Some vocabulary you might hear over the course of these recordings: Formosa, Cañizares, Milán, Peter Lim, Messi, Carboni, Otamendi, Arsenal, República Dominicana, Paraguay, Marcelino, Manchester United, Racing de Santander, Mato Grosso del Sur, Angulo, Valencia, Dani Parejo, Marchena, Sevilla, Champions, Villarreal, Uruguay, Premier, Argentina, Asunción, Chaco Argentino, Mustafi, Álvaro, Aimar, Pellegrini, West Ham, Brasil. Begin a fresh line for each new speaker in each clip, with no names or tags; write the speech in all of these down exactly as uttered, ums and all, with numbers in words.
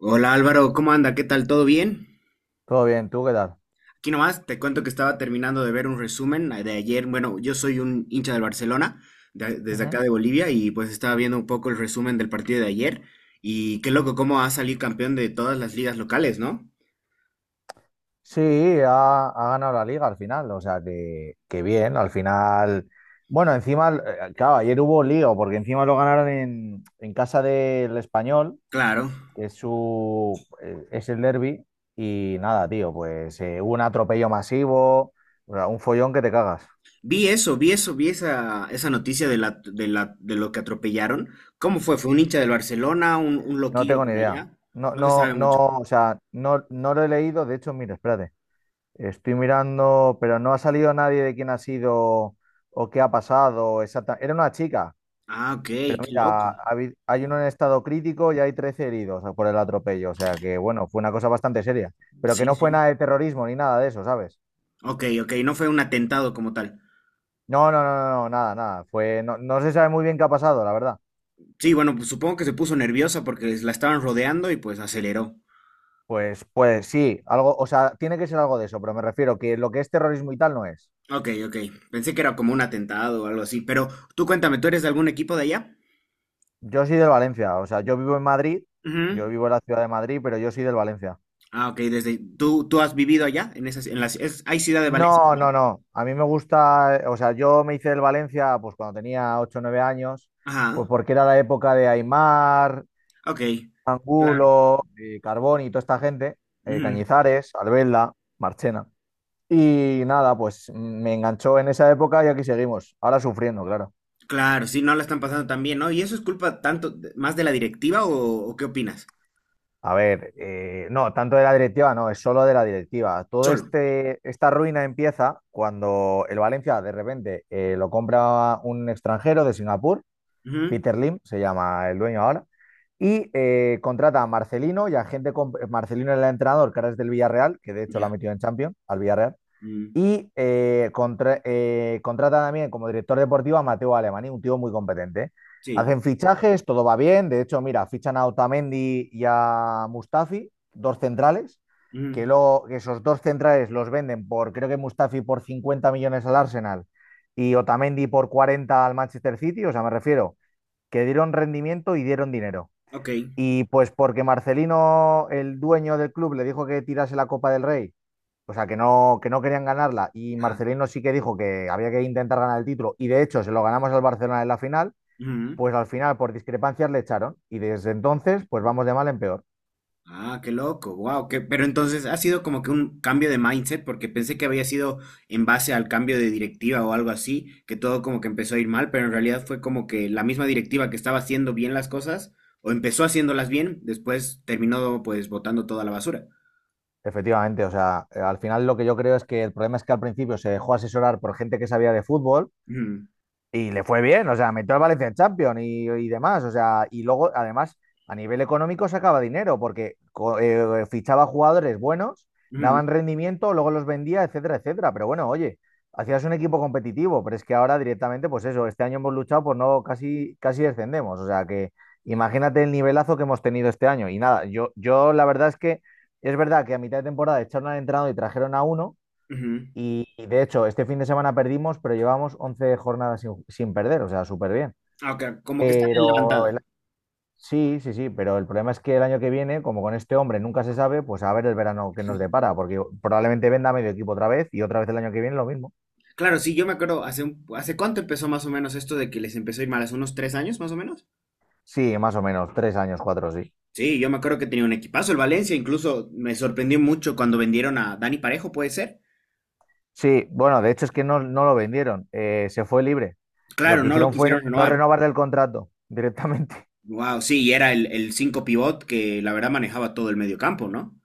Hola Álvaro, ¿cómo anda? ¿Qué tal? ¿Todo bien?
Todo bien, ¿tú qué tal?
Aquí nomás te cuento que estaba terminando de ver un resumen eh, de ayer. Bueno, yo soy un hincha del Barcelona, de- desde acá
Ujú.
de Bolivia, y pues estaba viendo un poco el resumen del partido de ayer. Y qué loco cómo ha salido campeón de todas las ligas locales, ¿no?
Sí, ha, ha ganado la liga al final, o sea que, que bien, al final. Bueno, encima, eh, claro, ayer hubo lío, porque encima lo ganaron en, en casa del Español,
Claro.
que es su eh, es el derbi, y nada, tío, pues eh, hubo un atropello masivo, o sea, un follón que te cagas.
Vi eso, vi eso, vi esa, esa noticia de la, de la, de lo que atropellaron. ¿Cómo fue? ¿Fue un hincha del Barcelona, un, un
No
loquillo
tengo ni
por
idea.
allá?
No,
No se
no,
sabe mucho.
no, o sea, no, no lo he leído, de hecho, mira, espérate. Estoy mirando, pero no ha salido nadie de quién ha sido o qué ha pasado. Exacta- Era una chica,
Ah, ok, qué
pero mira,
loco.
ha habi- hay uno en estado crítico y hay trece heridos por el atropello. O sea que, bueno, fue una cosa bastante seria. Pero que
Sí,
no fue
sí.
nada de terrorismo ni nada de eso, ¿sabes?
Ok, ok, no fue un atentado como tal.
No, no, no, no, no, nada, nada. Fue, no, no se sabe muy bien qué ha pasado, la verdad.
Sí, bueno, pues supongo que se puso nerviosa porque la estaban rodeando y pues aceleró.
Pues, pues sí, algo, o sea, tiene que ser algo de eso, pero me refiero que lo que es terrorismo y tal no es.
Ok, ok. Pensé que era como un atentado o algo así, pero tú cuéntame, ¿tú eres de algún equipo de allá?
Yo soy del Valencia, o sea, yo vivo en Madrid, yo
Ujú.
vivo en la ciudad de Madrid, pero yo soy del Valencia.
Ah, ok, desde tú tú has vivido allá en esas en las es- hay ciudad de Valencia,
No,
¿verdad?
no, no. A mí me gusta, eh, o sea, yo me hice del Valencia pues cuando tenía ocho, o nueve años, pues
Ajá.
porque era la época de Aimar,
Ok. Claro.
Angulo, eh, Carboni y toda esta gente, eh,
Ujú.
Cañizares, Albelda, Marchena. Y nada, pues mm, me enganchó en esa época y aquí seguimos, ahora sufriendo, claro.
Claro, sí, no la están pasando tan bien, ¿no? ¿Y eso es culpa tanto de- más de la directiva o, o qué opinas?
A ver, eh, no, tanto de la directiva, no, es solo de la directiva. Todo
Solo.
este, esta ruina empieza cuando el Valencia de repente eh, lo compra un extranjero de Singapur.
Ujú.
Peter Lim se llama el dueño ahora. Y eh, contrata a Marcelino y a gente con... eh, Marcelino era el entrenador, que ahora es del Villarreal, que de hecho lo ha
Ya.
metido en Champions, al Villarreal.
Mm.
Y eh, contra- eh, contrata también como director deportivo a Mateo Alemany, un tío muy competente.
Sí.
Hacen fichajes, todo va bien. De hecho, mira, fichan a Otamendi y a Mustafi, dos centrales, que
Ujú.
luego que esos dos centrales los venden por, creo que Mustafi por cincuenta millones al Arsenal y Otamendi por cuarenta al Manchester City. O sea, me refiero que dieron rendimiento y dieron dinero.
Ok.
Y pues porque Marcelino, el dueño del club, le dijo que tirase la Copa del Rey, o sea, que no, que no querían ganarla, y
Ajá.
Marcelino sí que dijo que había que intentar ganar el título, y de hecho se lo ganamos al Barcelona en la final,
Ujú.
pues al final por discrepancias le echaron, y desde entonces pues vamos de mal en peor.
Ah, qué loco, wow, que, pero entonces ha sido como que un cambio de mindset, porque pensé que había sido en base al cambio de directiva o algo así, que todo como que empezó a ir mal, pero en realidad fue como que la misma directiva que estaba haciendo bien las cosas, o empezó haciéndolas bien, después terminó pues botando toda la basura.
Efectivamente, o sea, eh, al final lo que yo creo es que el problema es que al principio se dejó asesorar por gente que sabía de fútbol.
Ujú,
Y le fue bien, o sea, metió al Valencia en Champions y, y demás, o sea, y luego, además, a nivel económico sacaba dinero porque co- eh, fichaba jugadores buenos,
ujú,
daban rendimiento, luego los vendía, etcétera, etcétera. Pero bueno, oye, hacías un equipo competitivo, pero es que ahora directamente, pues eso, este año hemos luchado por no casi, casi descendemos, o sea, que imagínate el nivelazo que hemos tenido este año. Y nada, yo, yo la verdad es que es verdad que a mitad de temporada echaron al entrenador y trajeron a uno
ujú.
y, y de hecho, este fin de semana perdimos, pero llevamos once jornadas sin, sin perder, o sea, súper bien.
Ah, ok, como que están en
Pero el-
levantada.
sí, sí, sí, pero el problema es que el año que viene, como con este hombre nunca se sabe, pues a ver el verano que nos depara, porque probablemente venda medio equipo otra vez y otra vez el año que viene lo mismo.
Claro, sí, yo me acuerdo, hace, un- ¿hace cuánto empezó más o menos esto de que les empezó a ir mal? ¿Hace unos tres años más o menos?
Sí, más o menos, tres años, cuatro, sí.
Sí, yo me acuerdo que tenía un equipazo el Valencia, incluso me sorprendió mucho cuando vendieron a Dani Parejo, puede ser.
Sí, bueno, de hecho es que no, no lo vendieron, eh, se fue libre. Lo
Claro,
que
no lo
hicieron fue
quisieron
no
renovar.
renovarle el contrato directamente.
Wow, sí, y era el, el cinco pivot que la verdad manejaba todo el medio campo, ¿no?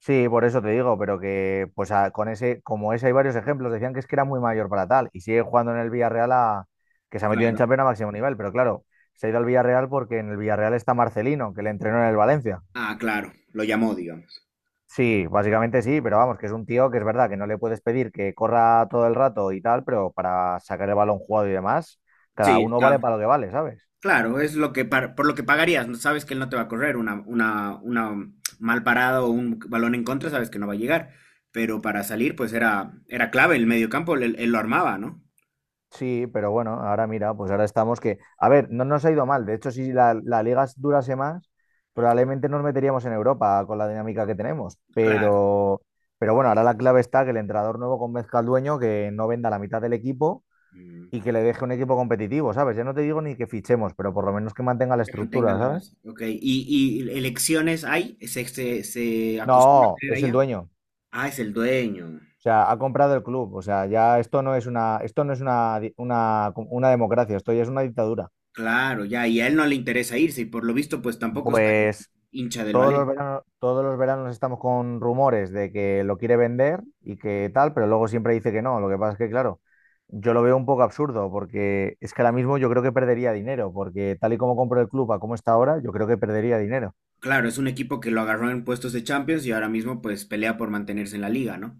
Sí, por eso te digo, pero que pues a- con ese, como ese hay varios ejemplos, decían que es que era muy mayor para tal y sigue jugando en el Villarreal a, que se ha metido en
Claro.
Champions a máximo nivel, pero claro, se ha ido al Villarreal porque en el Villarreal está Marcelino, que le entrenó en el Valencia.
Ah, claro, lo llamó, digamos.
Sí, básicamente sí, pero vamos, que es un tío que es verdad que no le puedes pedir que corra todo el rato y tal, pero para sacar el balón jugado y demás, cada
Sí,
uno vale
está.
para lo que vale, ¿sabes?
Claro, es lo que par- por lo que pagarías, ¿no? Sabes que él no te va a correr una, una, una mal parada o un balón en contra, sabes que no va a llegar. Pero para salir, pues era, era clave el medio campo, él, él lo armaba, ¿no?
Sí, pero bueno, ahora mira, pues ahora estamos que, a ver, no nos ha ido mal. De hecho, si la, la liga durase más, probablemente nos meteríamos en Europa con la dinámica que tenemos.
Claro.
Pero, pero bueno, ahora la clave está que el entrenador nuevo convenzca al dueño que no venda la mitad del equipo y que le deje un equipo competitivo, ¿sabes? Ya no te digo ni que fichemos, pero por lo menos que mantenga la
Que mantengan
estructura,
la
¿sabes?
base. Ok. ¿Y, y elecciones hay? ¿Se, se, se acostumbra a
No,
tener
es el
allá?
dueño.
Ah, es el dueño.
O sea, ha comprado el club. O sea, ya esto no es una, esto no es una, di- una, una democracia, esto ya es una dictadura.
Claro, ya. Y a él no le interesa irse. Y por lo visto, pues tampoco está
Pues
hincha del
Todos los
Valencia.
veranos, todos los veranos estamos con rumores de que lo quiere vender y que tal, pero luego siempre dice que no. Lo que pasa es que, claro, yo lo veo un poco absurdo porque es que ahora mismo yo creo que perdería dinero, porque tal y como compro el club a como está ahora, yo creo que perdería dinero.
Claro, es un equipo que lo agarró en puestos de Champions y ahora mismo, pues pelea por mantenerse en la liga, ¿no?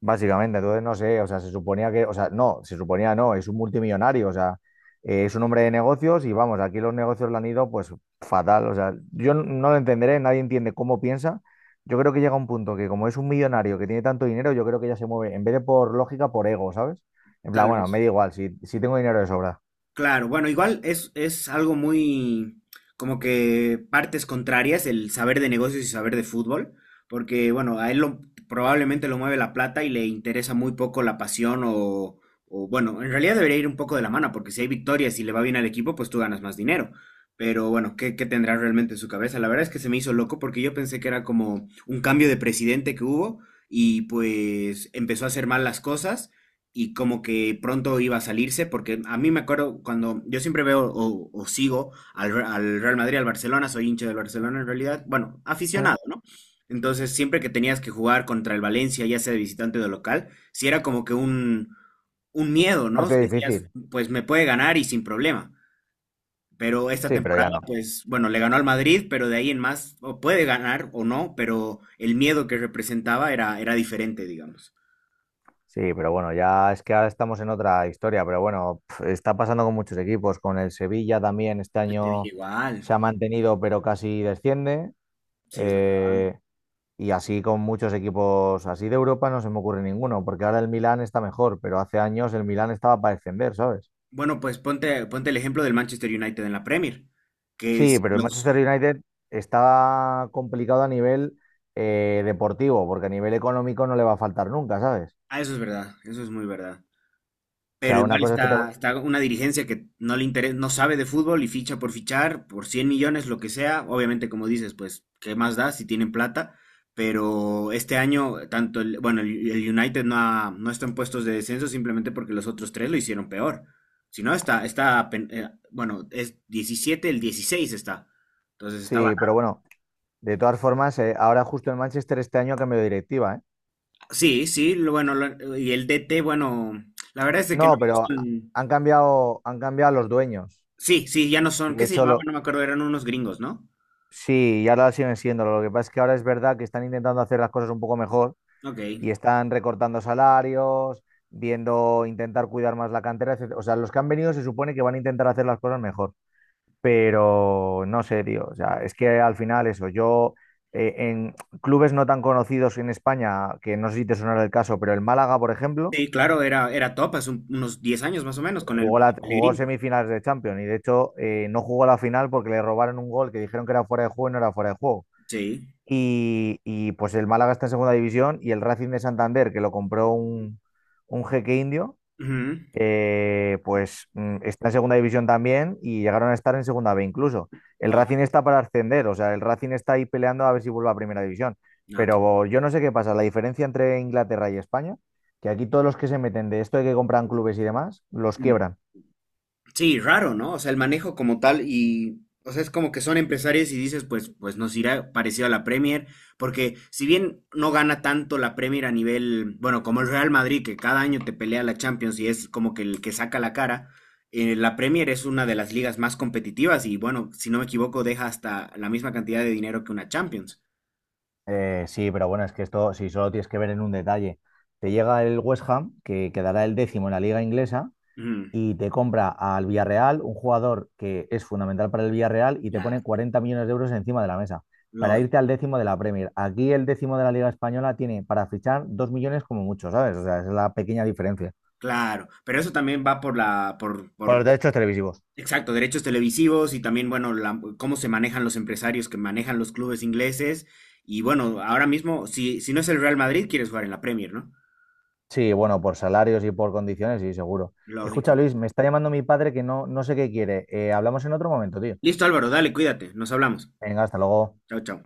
Básicamente, entonces no sé, o sea, se suponía que, o sea, no, se suponía no, es un multimillonario, o sea, eh, es un hombre de negocios y vamos, aquí los negocios le han ido pues fatal, o sea, yo n- no lo entenderé, nadie entiende cómo piensa. Yo creo que llega un punto que como es un millonario que tiene tanto dinero, yo creo que ya se mueve, en vez de por lógica, por ego, ¿sabes? En plan,
Tal
bueno, me
vez.
da igual, si, si tengo dinero de sobra.
Claro, bueno, igual es, es algo muy como que partes contrarias el saber de negocios y saber de fútbol, porque bueno, a él lo, probablemente lo mueve la plata y le interesa muy poco la pasión o, o bueno, en realidad debería ir un poco de la mano, porque si hay victorias y le va bien al equipo, pues tú ganas más dinero. Pero bueno, ¿qué, qué tendrá realmente en su cabeza? La verdad es que se me hizo loco porque yo pensé que era como un cambio de presidente que hubo y pues empezó a hacer mal las cosas y como que pronto iba a salirse, porque a mí me acuerdo cuando yo siempre veo o, o sigo al, Re- al Real Madrid, al Barcelona, soy hincha del Barcelona en realidad, bueno,
Mm.
aficionado, ¿no? Entonces siempre que tenías que jugar contra el Valencia, ya sea de visitante o de local, si era como que un, un miedo, ¿no?
Parte
Decías,
difícil,
pues me puede ganar y sin problema. Pero esta
sí, pero
temporada,
ya no.
pues bueno, le ganó al Madrid, pero de ahí en más, o puede ganar o no, pero el miedo que representaba era, era diferente, digamos.
Sí, pero bueno, ya es que ahora estamos en otra historia, pero bueno, pf, está pasando con muchos equipos, con el Sevilla también este
El Sevilla
año
igual,
se ha mantenido, pero casi desciende,
sí, es.
eh, y así con muchos equipos así de Europa no se me ocurre ninguno, porque ahora el Milán está mejor, pero hace años el Milán estaba para descender, ¿sabes?
Bueno, pues ponte, ponte el ejemplo del Manchester United en la Premier, que
Sí,
es
pero el Manchester
los...
United está complicado a nivel eh, deportivo, porque a nivel económico no le va a faltar nunca, ¿sabes?
Ah, eso es verdad, eso es muy verdad.
O
Pero
sea, una
igual
cosa es que te...
está, está una dirigencia que no le interesa, no sabe de fútbol y ficha por fichar, por cien millones, lo que sea. Obviamente, como dices, pues, ¿qué más da si tienen plata? Pero este año, tanto el, bueno, el, el United no, ha- no está en puestos de descenso simplemente porque los otros tres lo hicieron peor. Si no, está, está, pen- eh, bueno, es diecisiete, el dieciséis está. Entonces está.
Sí, pero bueno. De todas formas, eh, ahora justo en Manchester este año ha cambiado de directiva, ¿eh?
Sí, sí, lo- bueno, lo- y el D T, bueno, la verdad es de que no
No,
me
pero ha-
gustan.
han cambiado, han cambiado los dueños.
Sí, sí, ya no
Y
son. ¿Qué
de
se
hecho,
llamaban?
lo,
No me acuerdo, eran unos gringos, ¿no?
sí, y ahora siguen siendo. Lo que pasa es que ahora es verdad que están intentando hacer las cosas un poco mejor
Ok.
y están recortando salarios, viendo, intentar cuidar más la cantera, etcétera. O sea, los que han venido se supone que van a intentar hacer las cosas mejor. Pero no sé, tío. O sea, es que al final eso, yo eh, en clubes no tan conocidos en España, que no sé si te sonará el caso, pero el Málaga, por ejemplo.
Sí, claro, era, era top hace un- unos diez años más o menos con el
Jugó, la, jugó
Pellegrini.
semifinales de Champions y de hecho eh, no jugó la final porque le robaron un gol que dijeron que era fuera de juego y no era fuera de juego.
Sí.
Y, y, pues el Málaga está en segunda división y el Racing de Santander, que lo compró un, un jeque indio, eh, pues mm, está en segunda división también y llegaron a estar en segunda B incluso. El
Wow.
Racing está para ascender, o sea, el Racing está ahí peleando a ver si vuelve a primera división. Pero yo no sé qué pasa, la diferencia entre Inglaterra y España, que aquí todos los que se meten de esto de que compran clubes y demás, los quiebran.
Sí, raro, ¿no? O sea, el manejo como tal y, o sea, es como que son empresarios y dices, pues, pues nos irá parecido a la Premier, porque si bien no gana tanto la Premier a nivel, bueno, como el Real Madrid, que cada año te pelea la Champions y es como que el que saca la cara, eh, la Premier es una de las ligas más competitivas y, bueno, si no me equivoco, deja hasta la misma cantidad de dinero que una Champions.
Eh, sí, pero bueno, es que esto, si solo tienes que ver en un detalle, te llega el West Ham, que quedará el décimo en la liga inglesa,
Ujú.
y te compra al Villarreal, un jugador que es fundamental para el Villarreal, y te pone
Claro.
cuarenta millones de euros encima de la mesa, para irte
Lógico,
al décimo de la Premier. Aquí el décimo de la liga española tiene para fichar dos millones como mucho, ¿sabes? O sea, esa es la pequeña diferencia.
claro, pero eso también va por la, por,
Por los
por.
derechos televisivos.
Exacto, derechos televisivos y también, bueno, la- cómo se manejan los empresarios que manejan los clubes ingleses. Y bueno, ahora mismo, si, si no es el Real Madrid, quieres jugar en la Premier, ¿no?
Sí, bueno, por salarios y por condiciones, sí, seguro. Escucha,
Lógico.
Luis, me está llamando mi padre que no, no sé qué quiere. Eh, hablamos en otro momento, tío.
Listo, Álvaro, dale, cuídate, nos hablamos.
Venga, hasta luego.
Chao, chao.